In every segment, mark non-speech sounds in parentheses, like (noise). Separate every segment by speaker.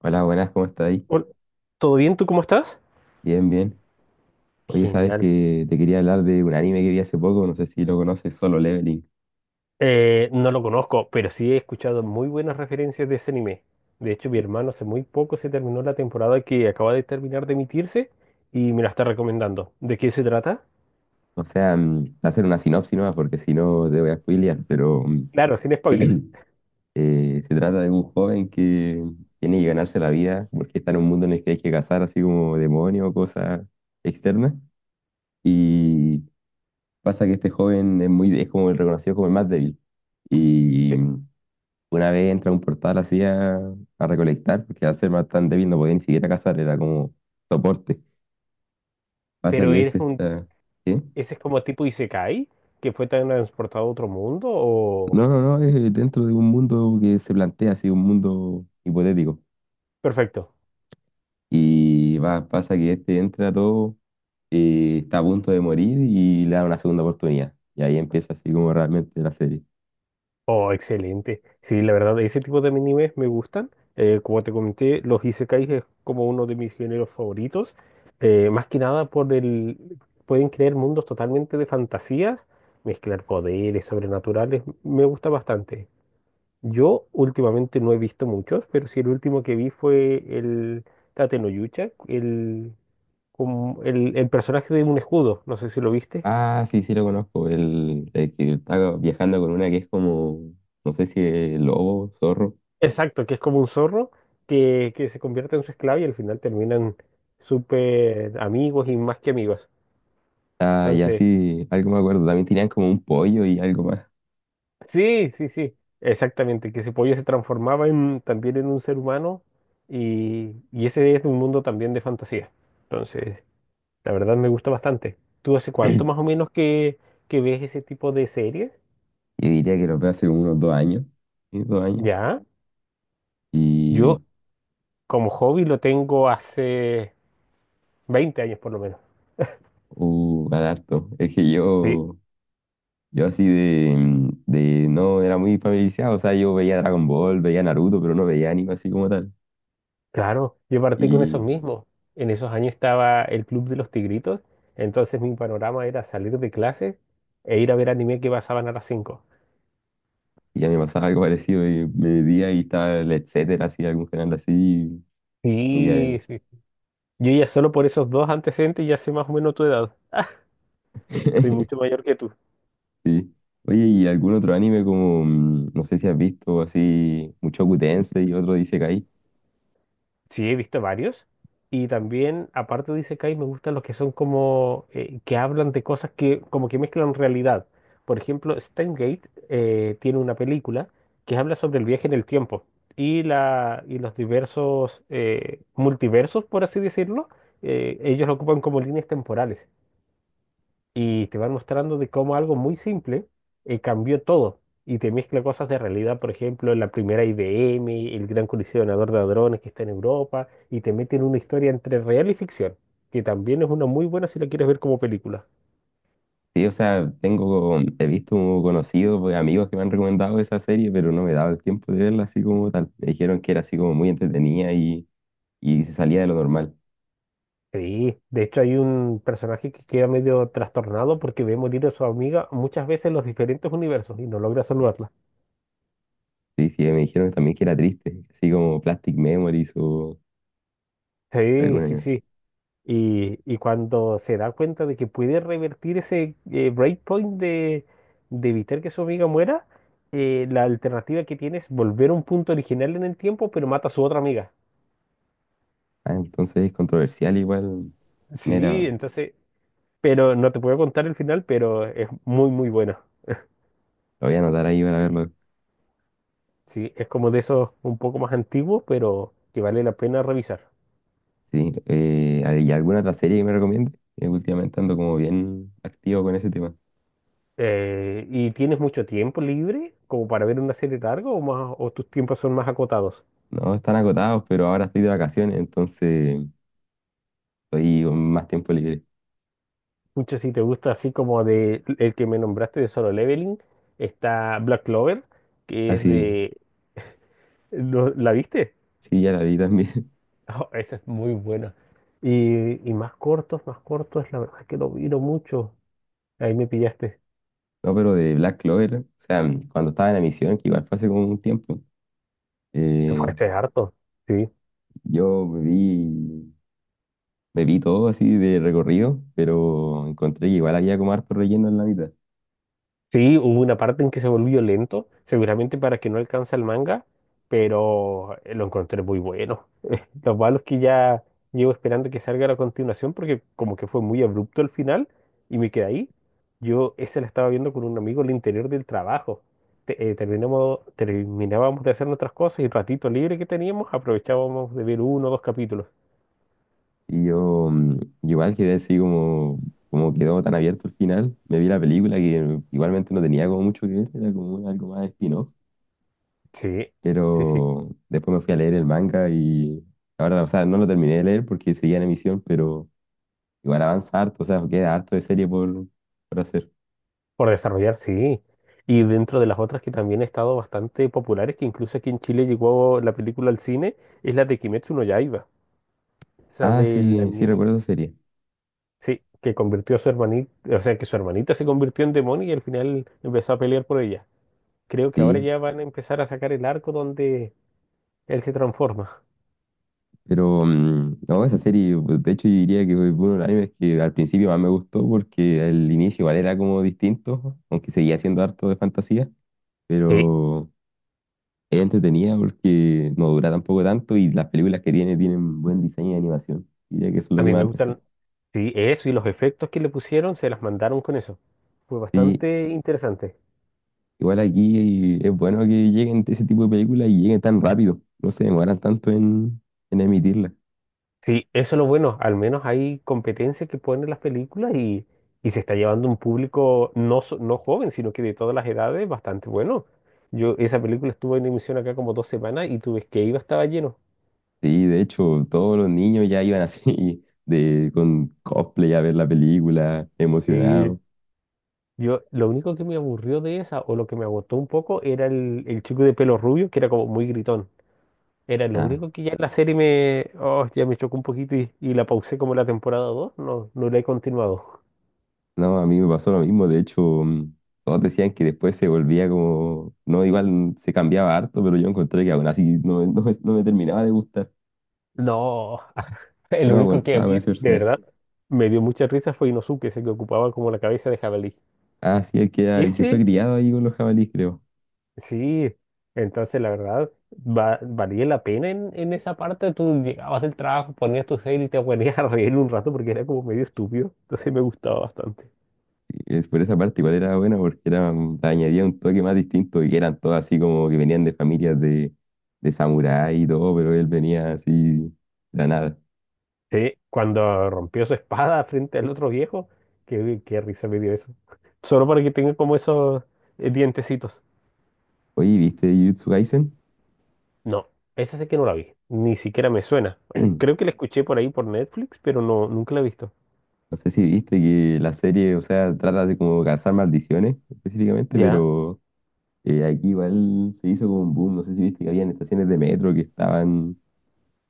Speaker 1: Hola, buenas, ¿cómo estás ahí?
Speaker 2: Hol- ¿Todo bien? ¿Tú cómo estás?
Speaker 1: Bien, bien. Oye, sabes
Speaker 2: Genial.
Speaker 1: que te quería hablar de un anime que vi hace poco, no sé si lo conoces, Solo Leveling.
Speaker 2: No lo conozco, pero sí he escuchado muy buenas referencias de ese anime. De hecho, mi hermano hace muy poco se terminó la temporada que acaba de terminar de emitirse y me la está recomendando. ¿De qué se trata?
Speaker 1: O sea, hacer una sinopsis nomás, porque si no te voy a spoilear, pero
Speaker 2: Claro, sin spoilers.
Speaker 1: se trata de un joven que tiene que ganarse la vida porque está en un mundo en el que hay que cazar así como demonios o cosas externas. Y pasa que este joven es es como el reconocido como el más débil. Y
Speaker 2: Pe-
Speaker 1: una vez entra a un portal así a recolectar, porque al ser más tan débil no podía ni siquiera cazar, era como soporte. Pasa
Speaker 2: Pero
Speaker 1: que
Speaker 2: eres
Speaker 1: este
Speaker 2: un,
Speaker 1: está... ¿Qué?
Speaker 2: Ese es como tipo Isekai, que fue transportado a otro mundo o...
Speaker 1: No, no, no, es dentro de un mundo que se plantea así, un mundo hipotético.
Speaker 2: Perfecto.
Speaker 1: Y va, pasa que este entra todo, está a punto de morir y le da una segunda oportunidad. Y ahí empieza así como realmente la serie.
Speaker 2: Oh, excelente. Sí, la verdad, ese tipo de animes me gustan. Como te comenté, los isekais es como uno de mis géneros favoritos. Más que nada por el... Pueden crear mundos totalmente de fantasías, mezclar poderes sobrenaturales. Me gusta bastante. Yo últimamente no he visto muchos, pero sí el último que vi fue el Tate no Yucha, como el personaje de un escudo. No sé si lo viste.
Speaker 1: Ah, sí, sí lo conozco, el que está viajando con una que es como, no sé si es lobo, zorro.
Speaker 2: Exacto, que es como un zorro que se convierte en su esclavo y al final terminan súper amigos y más que amigos.
Speaker 1: Ah, y
Speaker 2: Entonces,
Speaker 1: así, algo me acuerdo. También tenían como un pollo y algo más.
Speaker 2: sí, sí, sí, exactamente, que ese pollo se transformaba también en un ser humano y ese es un mundo también de fantasía. Entonces, la verdad me gusta bastante. ¿Tú hace
Speaker 1: (clears throat)
Speaker 2: cuánto más o menos que ves ese tipo de series?
Speaker 1: Yo diría que los veo hace unos 2 años. Sí, 2 años.
Speaker 2: Ya, yo
Speaker 1: Y
Speaker 2: como hobby lo tengo hace 20 años por lo menos.
Speaker 1: al harto. Es que
Speaker 2: Sí.
Speaker 1: yo así no era muy familiarizado. O sea, yo veía Dragon Ball, veía Naruto, pero no veía anime así como tal.
Speaker 2: Claro, yo partí con esos
Speaker 1: Y,
Speaker 2: mismos. En esos años estaba el Club de los Tigritos, entonces mi panorama era salir de clase e ir a ver anime que pasaban a las 5.
Speaker 1: y ya me pasaba algo (laughs) parecido. Y me metía y estaba el etcétera, así, algún canal así. Y ya,
Speaker 2: Sí,
Speaker 1: ¿no?
Speaker 2: sí. Yo ya solo por esos dos antecedentes ya sé más o menos tu edad. (laughs) Soy
Speaker 1: (laughs)
Speaker 2: mucho mayor que tú.
Speaker 1: Sí. Oye, ¿y algún otro anime como, no sé si has visto, así, Mushoku Tensei y otro dice.
Speaker 2: Sí, he visto varios. Y también, aparte de Isekai, me gustan los que son como que hablan de cosas que como que mezclan realidad. Por ejemplo, Steins Gate tiene una película que habla sobre el viaje en el tiempo y los diversos multiversos, por así decirlo. Ellos lo ocupan como líneas temporales y te van mostrando de cómo algo muy simple cambió todo y te mezcla cosas de realidad, por ejemplo, la primera IBM, el gran colisionador de hadrones que está en Europa, y te meten una historia entre real y ficción, que también es una muy buena si la quieres ver como película.
Speaker 1: Sí, o sea, tengo, he visto conocidos, pues, amigos que me han recomendado esa serie, pero no me he dado el tiempo de verla así como tal. Me dijeron que era así como muy entretenida y se salía de lo normal.
Speaker 2: Sí, de hecho hay un personaje que queda medio trastornado porque ve morir a su amiga muchas veces en los diferentes universos y no logra saludarla.
Speaker 1: Sí, sí, me dijeron también que era triste, así como Plastic Memories o
Speaker 2: Sí,
Speaker 1: alguna
Speaker 2: sí,
Speaker 1: cosa así.
Speaker 2: sí. Y cuando se da cuenta de que puede revertir ese breakpoint de evitar que su amiga muera, la alternativa que tiene es volver a un punto original en el tiempo, pero mata a su otra amiga.
Speaker 1: Ah, entonces es controversial igual. Mira,
Speaker 2: Sí,
Speaker 1: lo
Speaker 2: entonces, pero no te puedo contar el final, pero es muy, muy bueno.
Speaker 1: voy a anotar ahí para verlo.
Speaker 2: Sí, es como de esos un poco más antiguos, pero que vale la pena revisar.
Speaker 1: Sí, ¿hay alguna otra serie que me recomiende? Últimamente ando como bien activo con ese tema.
Speaker 2: ¿Y tienes mucho tiempo libre como para ver una serie larga o más, o tus tiempos son más acotados?
Speaker 1: No, están agotados, pero ahora estoy de vacaciones, entonces estoy con más tiempo libre.
Speaker 2: Mucho si te gusta así como de el que me nombraste de Solo Leveling, está Black Clover, que
Speaker 1: Ah,
Speaker 2: es
Speaker 1: sí,
Speaker 2: de... ¿La viste? (laughs)
Speaker 1: sí, ya la vi también. (laughs)
Speaker 2: Oh, esa es muy buena. Y más cortos, la verdad que lo miro mucho. Ahí me pillaste.
Speaker 1: No, pero de Black Clover, o sea, cuando estaba en la emisión, que igual fue hace como un tiempo,
Speaker 2: Fue
Speaker 1: eh,
Speaker 2: ese es harto. Sí.
Speaker 1: yo me vi, me vi todo así de recorrido, pero encontré que igual había como harto relleno en la mitad.
Speaker 2: Sí, hubo una parte en que se volvió lento, seguramente para que no alcanza el manga, pero lo encontré muy bueno. Lo malo es que ya llevo esperando que salga la continuación porque como que fue muy abrupto el final y me quedé ahí. Yo ese la estaba viendo con un amigo al interior del trabajo. Terminábamos de hacer nuestras cosas y el ratito libre que teníamos aprovechábamos de ver uno o dos capítulos.
Speaker 1: Y yo igual quedé así como, como quedó tan abierto el final. Me vi la película que igualmente no tenía como mucho que ver, era como un- algo más spin-off.
Speaker 2: Sí, sí, sí. Sí.
Speaker 1: Pero después me fui a leer el manga y ahora, o sea, no lo terminé de leer porque seguía en emisión, pero... Igual avanza harto, o sea, queda harto de serie por hacer.
Speaker 2: Por desarrollar, sí. Y dentro de las otras que también han estado bastante populares, que incluso aquí en Chile llegó la película al cine, es la de Kimetsu no Yaiba. Esa
Speaker 1: Ah,
Speaker 2: de la
Speaker 1: sí, sí
Speaker 2: niña.
Speaker 1: recuerdo esa serie.
Speaker 2: Sí, que convirtió a su hermanita, o sea, que su hermanita se convirtió en demonio y al final empezó a pelear por ella. Creo que ahora
Speaker 1: Sí,
Speaker 2: ya van a empezar a sacar el arco donde él se transforma.
Speaker 1: pero no, esa serie, pues, de hecho yo diría que fue uno de los animes que al principio más me gustó porque el inicio igual era como distinto, aunque seguía siendo harto de fantasía,
Speaker 2: Sí,
Speaker 1: pero es entretenida porque no dura tampoco tanto y las películas que tiene tienen buen diseño de animación. Diría que eso es lo
Speaker 2: a
Speaker 1: que
Speaker 2: mí me
Speaker 1: más destaca.
Speaker 2: gustan, sí, eso y los efectos que le pusieron se las mandaron con eso. Fue
Speaker 1: Sí,
Speaker 2: bastante interesante.
Speaker 1: igual aquí es bueno que lleguen ese tipo de películas y lleguen tan rápido, no se demoran tanto en emitirlas.
Speaker 2: Sí, eso es lo bueno, al menos hay competencia que ponen las películas y se está llevando un público no, no joven, sino que de todas las edades bastante bueno. Yo, esa película estuvo en emisión acá como 2 semanas y tú ves que iba, estaba lleno.
Speaker 1: Sí, de hecho, todos los niños ya iban así, (laughs) de, con cosplay a ver la película,
Speaker 2: Sí.
Speaker 1: emocionados.
Speaker 2: Yo, lo único que me aburrió de esa, o lo que me agotó un poco, era el chico de pelo rubio, que era como muy gritón. Era lo
Speaker 1: Ah,
Speaker 2: único que ya en la serie me, oh, ya me chocó un poquito y la pausé como la temporada 2 no, no la he continuado.
Speaker 1: no, a mí me pasó lo mismo, de hecho, todos decían que después se volvía como, no, igual se cambiaba harto, pero yo encontré que aún así no, (laughs) no me terminaba de gustar,
Speaker 2: No, (laughs)
Speaker 1: no
Speaker 2: el
Speaker 1: me
Speaker 2: único que a
Speaker 1: aguantaba con
Speaker 2: mí,
Speaker 1: ese
Speaker 2: de
Speaker 1: personaje.
Speaker 2: verdad, me dio mucha risa fue Inosuke, ese que ocupaba como la cabeza de jabalí.
Speaker 1: Ah, sí, el que fue
Speaker 2: Ese,
Speaker 1: criado ahí con los jabalíes, creo.
Speaker 2: sí, entonces la verdad, valía la pena en esa parte. Tú llegabas del trabajo, ponías tu serie y te (laughs) ponías a reír un rato porque era como medio estúpido, entonces me gustaba bastante.
Speaker 1: Es por esa parte igual era buena porque era, añadía un toque más distinto y que eran todos así como que venían de familias de samurái y todo, pero él venía así de la nada.
Speaker 2: Sí, cuando rompió su espada (laughs) frente al otro viejo, qué risa me dio eso. Solo para que tenga como esos dientecitos.
Speaker 1: Oye, ¿viste Jujutsu Kaisen?
Speaker 2: No, esa sé que no la vi, ni siquiera me suena. Creo que
Speaker 1: (clears throat)
Speaker 2: la escuché por ahí por Netflix, pero no, nunca la he visto.
Speaker 1: No sé si viste que la serie, o sea, trata de como cazar maldiciones específicamente,
Speaker 2: ¿Ya?
Speaker 1: pero aquí igual se hizo como un boom. No sé si viste que habían estaciones de metro que estaban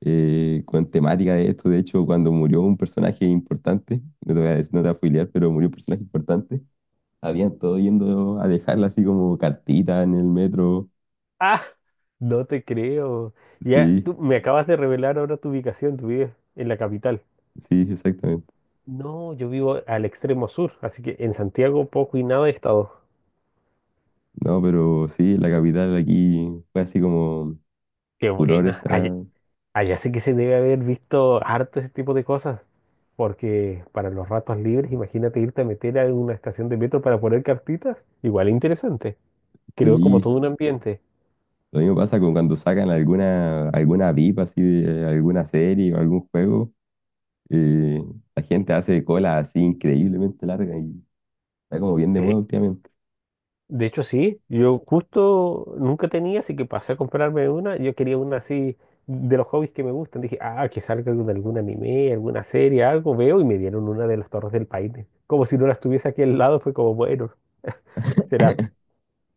Speaker 1: con temática de esto. De hecho, cuando murió un personaje importante, no te voy a decir- no te voy a spoilear, pero murió un personaje importante. Habían todos yendo a dejarla así como cartita en el metro.
Speaker 2: Ah, no te creo. Ya,
Speaker 1: Sí,
Speaker 2: tú me acabas de revelar ahora tu ubicación, tu vives en la capital.
Speaker 1: sí, exactamente.
Speaker 2: No, yo vivo al extremo sur, así que en Santiago poco y nada he estado.
Speaker 1: No, pero sí, la capital aquí fue así como
Speaker 2: Qué
Speaker 1: furor
Speaker 2: buena.
Speaker 1: esta.
Speaker 2: Allá, allá sí que se debe haber visto harto ese tipo de cosas. Porque para los ratos libres, imagínate irte a meter a una estación de metro para poner cartitas. Igual interesante. Creo como
Speaker 1: Sí,
Speaker 2: todo un ambiente.
Speaker 1: lo mismo pasa con cuando sacan alguna, alguna VIP así de alguna serie o algún juego. Eh, la gente hace cola así increíblemente larga y está como bien de
Speaker 2: Sí.
Speaker 1: moda últimamente.
Speaker 2: De hecho, sí. Yo justo nunca tenía, así que pasé a comprarme una. Yo quería una así de los hobbies que me gustan. Dije, ah, que salga de algún anime, alguna serie, algo. Veo y me dieron una de las Torres del Paine. Como si no las estuviese aquí al lado. Fue como, bueno, será.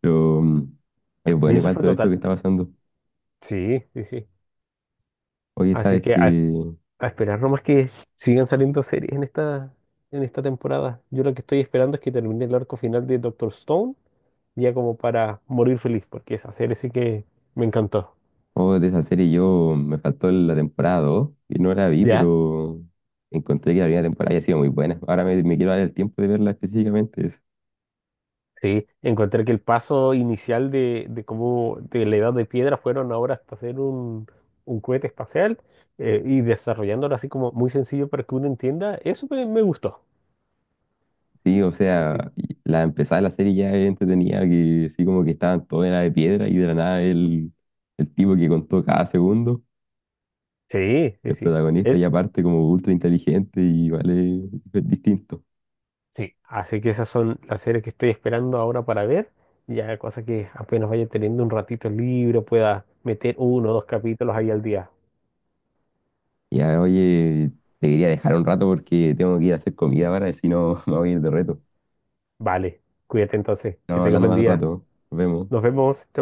Speaker 1: Pero es
Speaker 2: Y
Speaker 1: bueno
Speaker 2: eso
Speaker 1: igual
Speaker 2: fue
Speaker 1: todo esto que
Speaker 2: total.
Speaker 1: está pasando.
Speaker 2: Sí, sí, sí.
Speaker 1: Oye,
Speaker 2: Así
Speaker 1: ¿sabes
Speaker 2: que a
Speaker 1: qué?
Speaker 2: A esperar nomás que sigan saliendo series en esta temporada. Yo lo que estoy esperando es que termine el arco final de Doctor Stone, ya como para morir feliz, porque esa serie sí que me encantó.
Speaker 1: Oh, de esa serie yo me faltó la temporada 2 y no la vi,
Speaker 2: ¿Ya?
Speaker 1: pero encontré que la primera temporada había sido muy buena. Ahora me quiero dar el tiempo de verla específicamente. Es...
Speaker 2: Sí, encontré que el paso inicial de cómo de la edad de piedra fueron ahora hasta hacer un cohete espacial y desarrollándolo así como muy sencillo para que uno entienda, eso me gustó.
Speaker 1: Sí, o
Speaker 2: Así-
Speaker 1: sea, y la empezada de la serie ya es entretenida, que sí como que estaban todos en la de piedra y de la nada el tipo que contó cada segundo,
Speaker 2: sí, sí,
Speaker 1: el
Speaker 2: sí.
Speaker 1: protagonista
Speaker 2: E-
Speaker 1: ya aparte como ultra inteligente y vale, es distinto.
Speaker 2: Sí, así que esas son las series que estoy esperando ahora para ver. Ya cosa que apenas vaya teniendo un ratito libre, pueda meter uno o dos capítulos ahí al día.
Speaker 1: Ya, oye, te quería dejar un rato porque tengo que ir a hacer comida ahora, si no (laughs) me voy a ir de reto.
Speaker 2: Vale, cuídate entonces, que
Speaker 1: Estamos
Speaker 2: tengas
Speaker 1: hablando
Speaker 2: buen
Speaker 1: más
Speaker 2: día.
Speaker 1: rato, nos vemos.
Speaker 2: Nos vemos. Chao.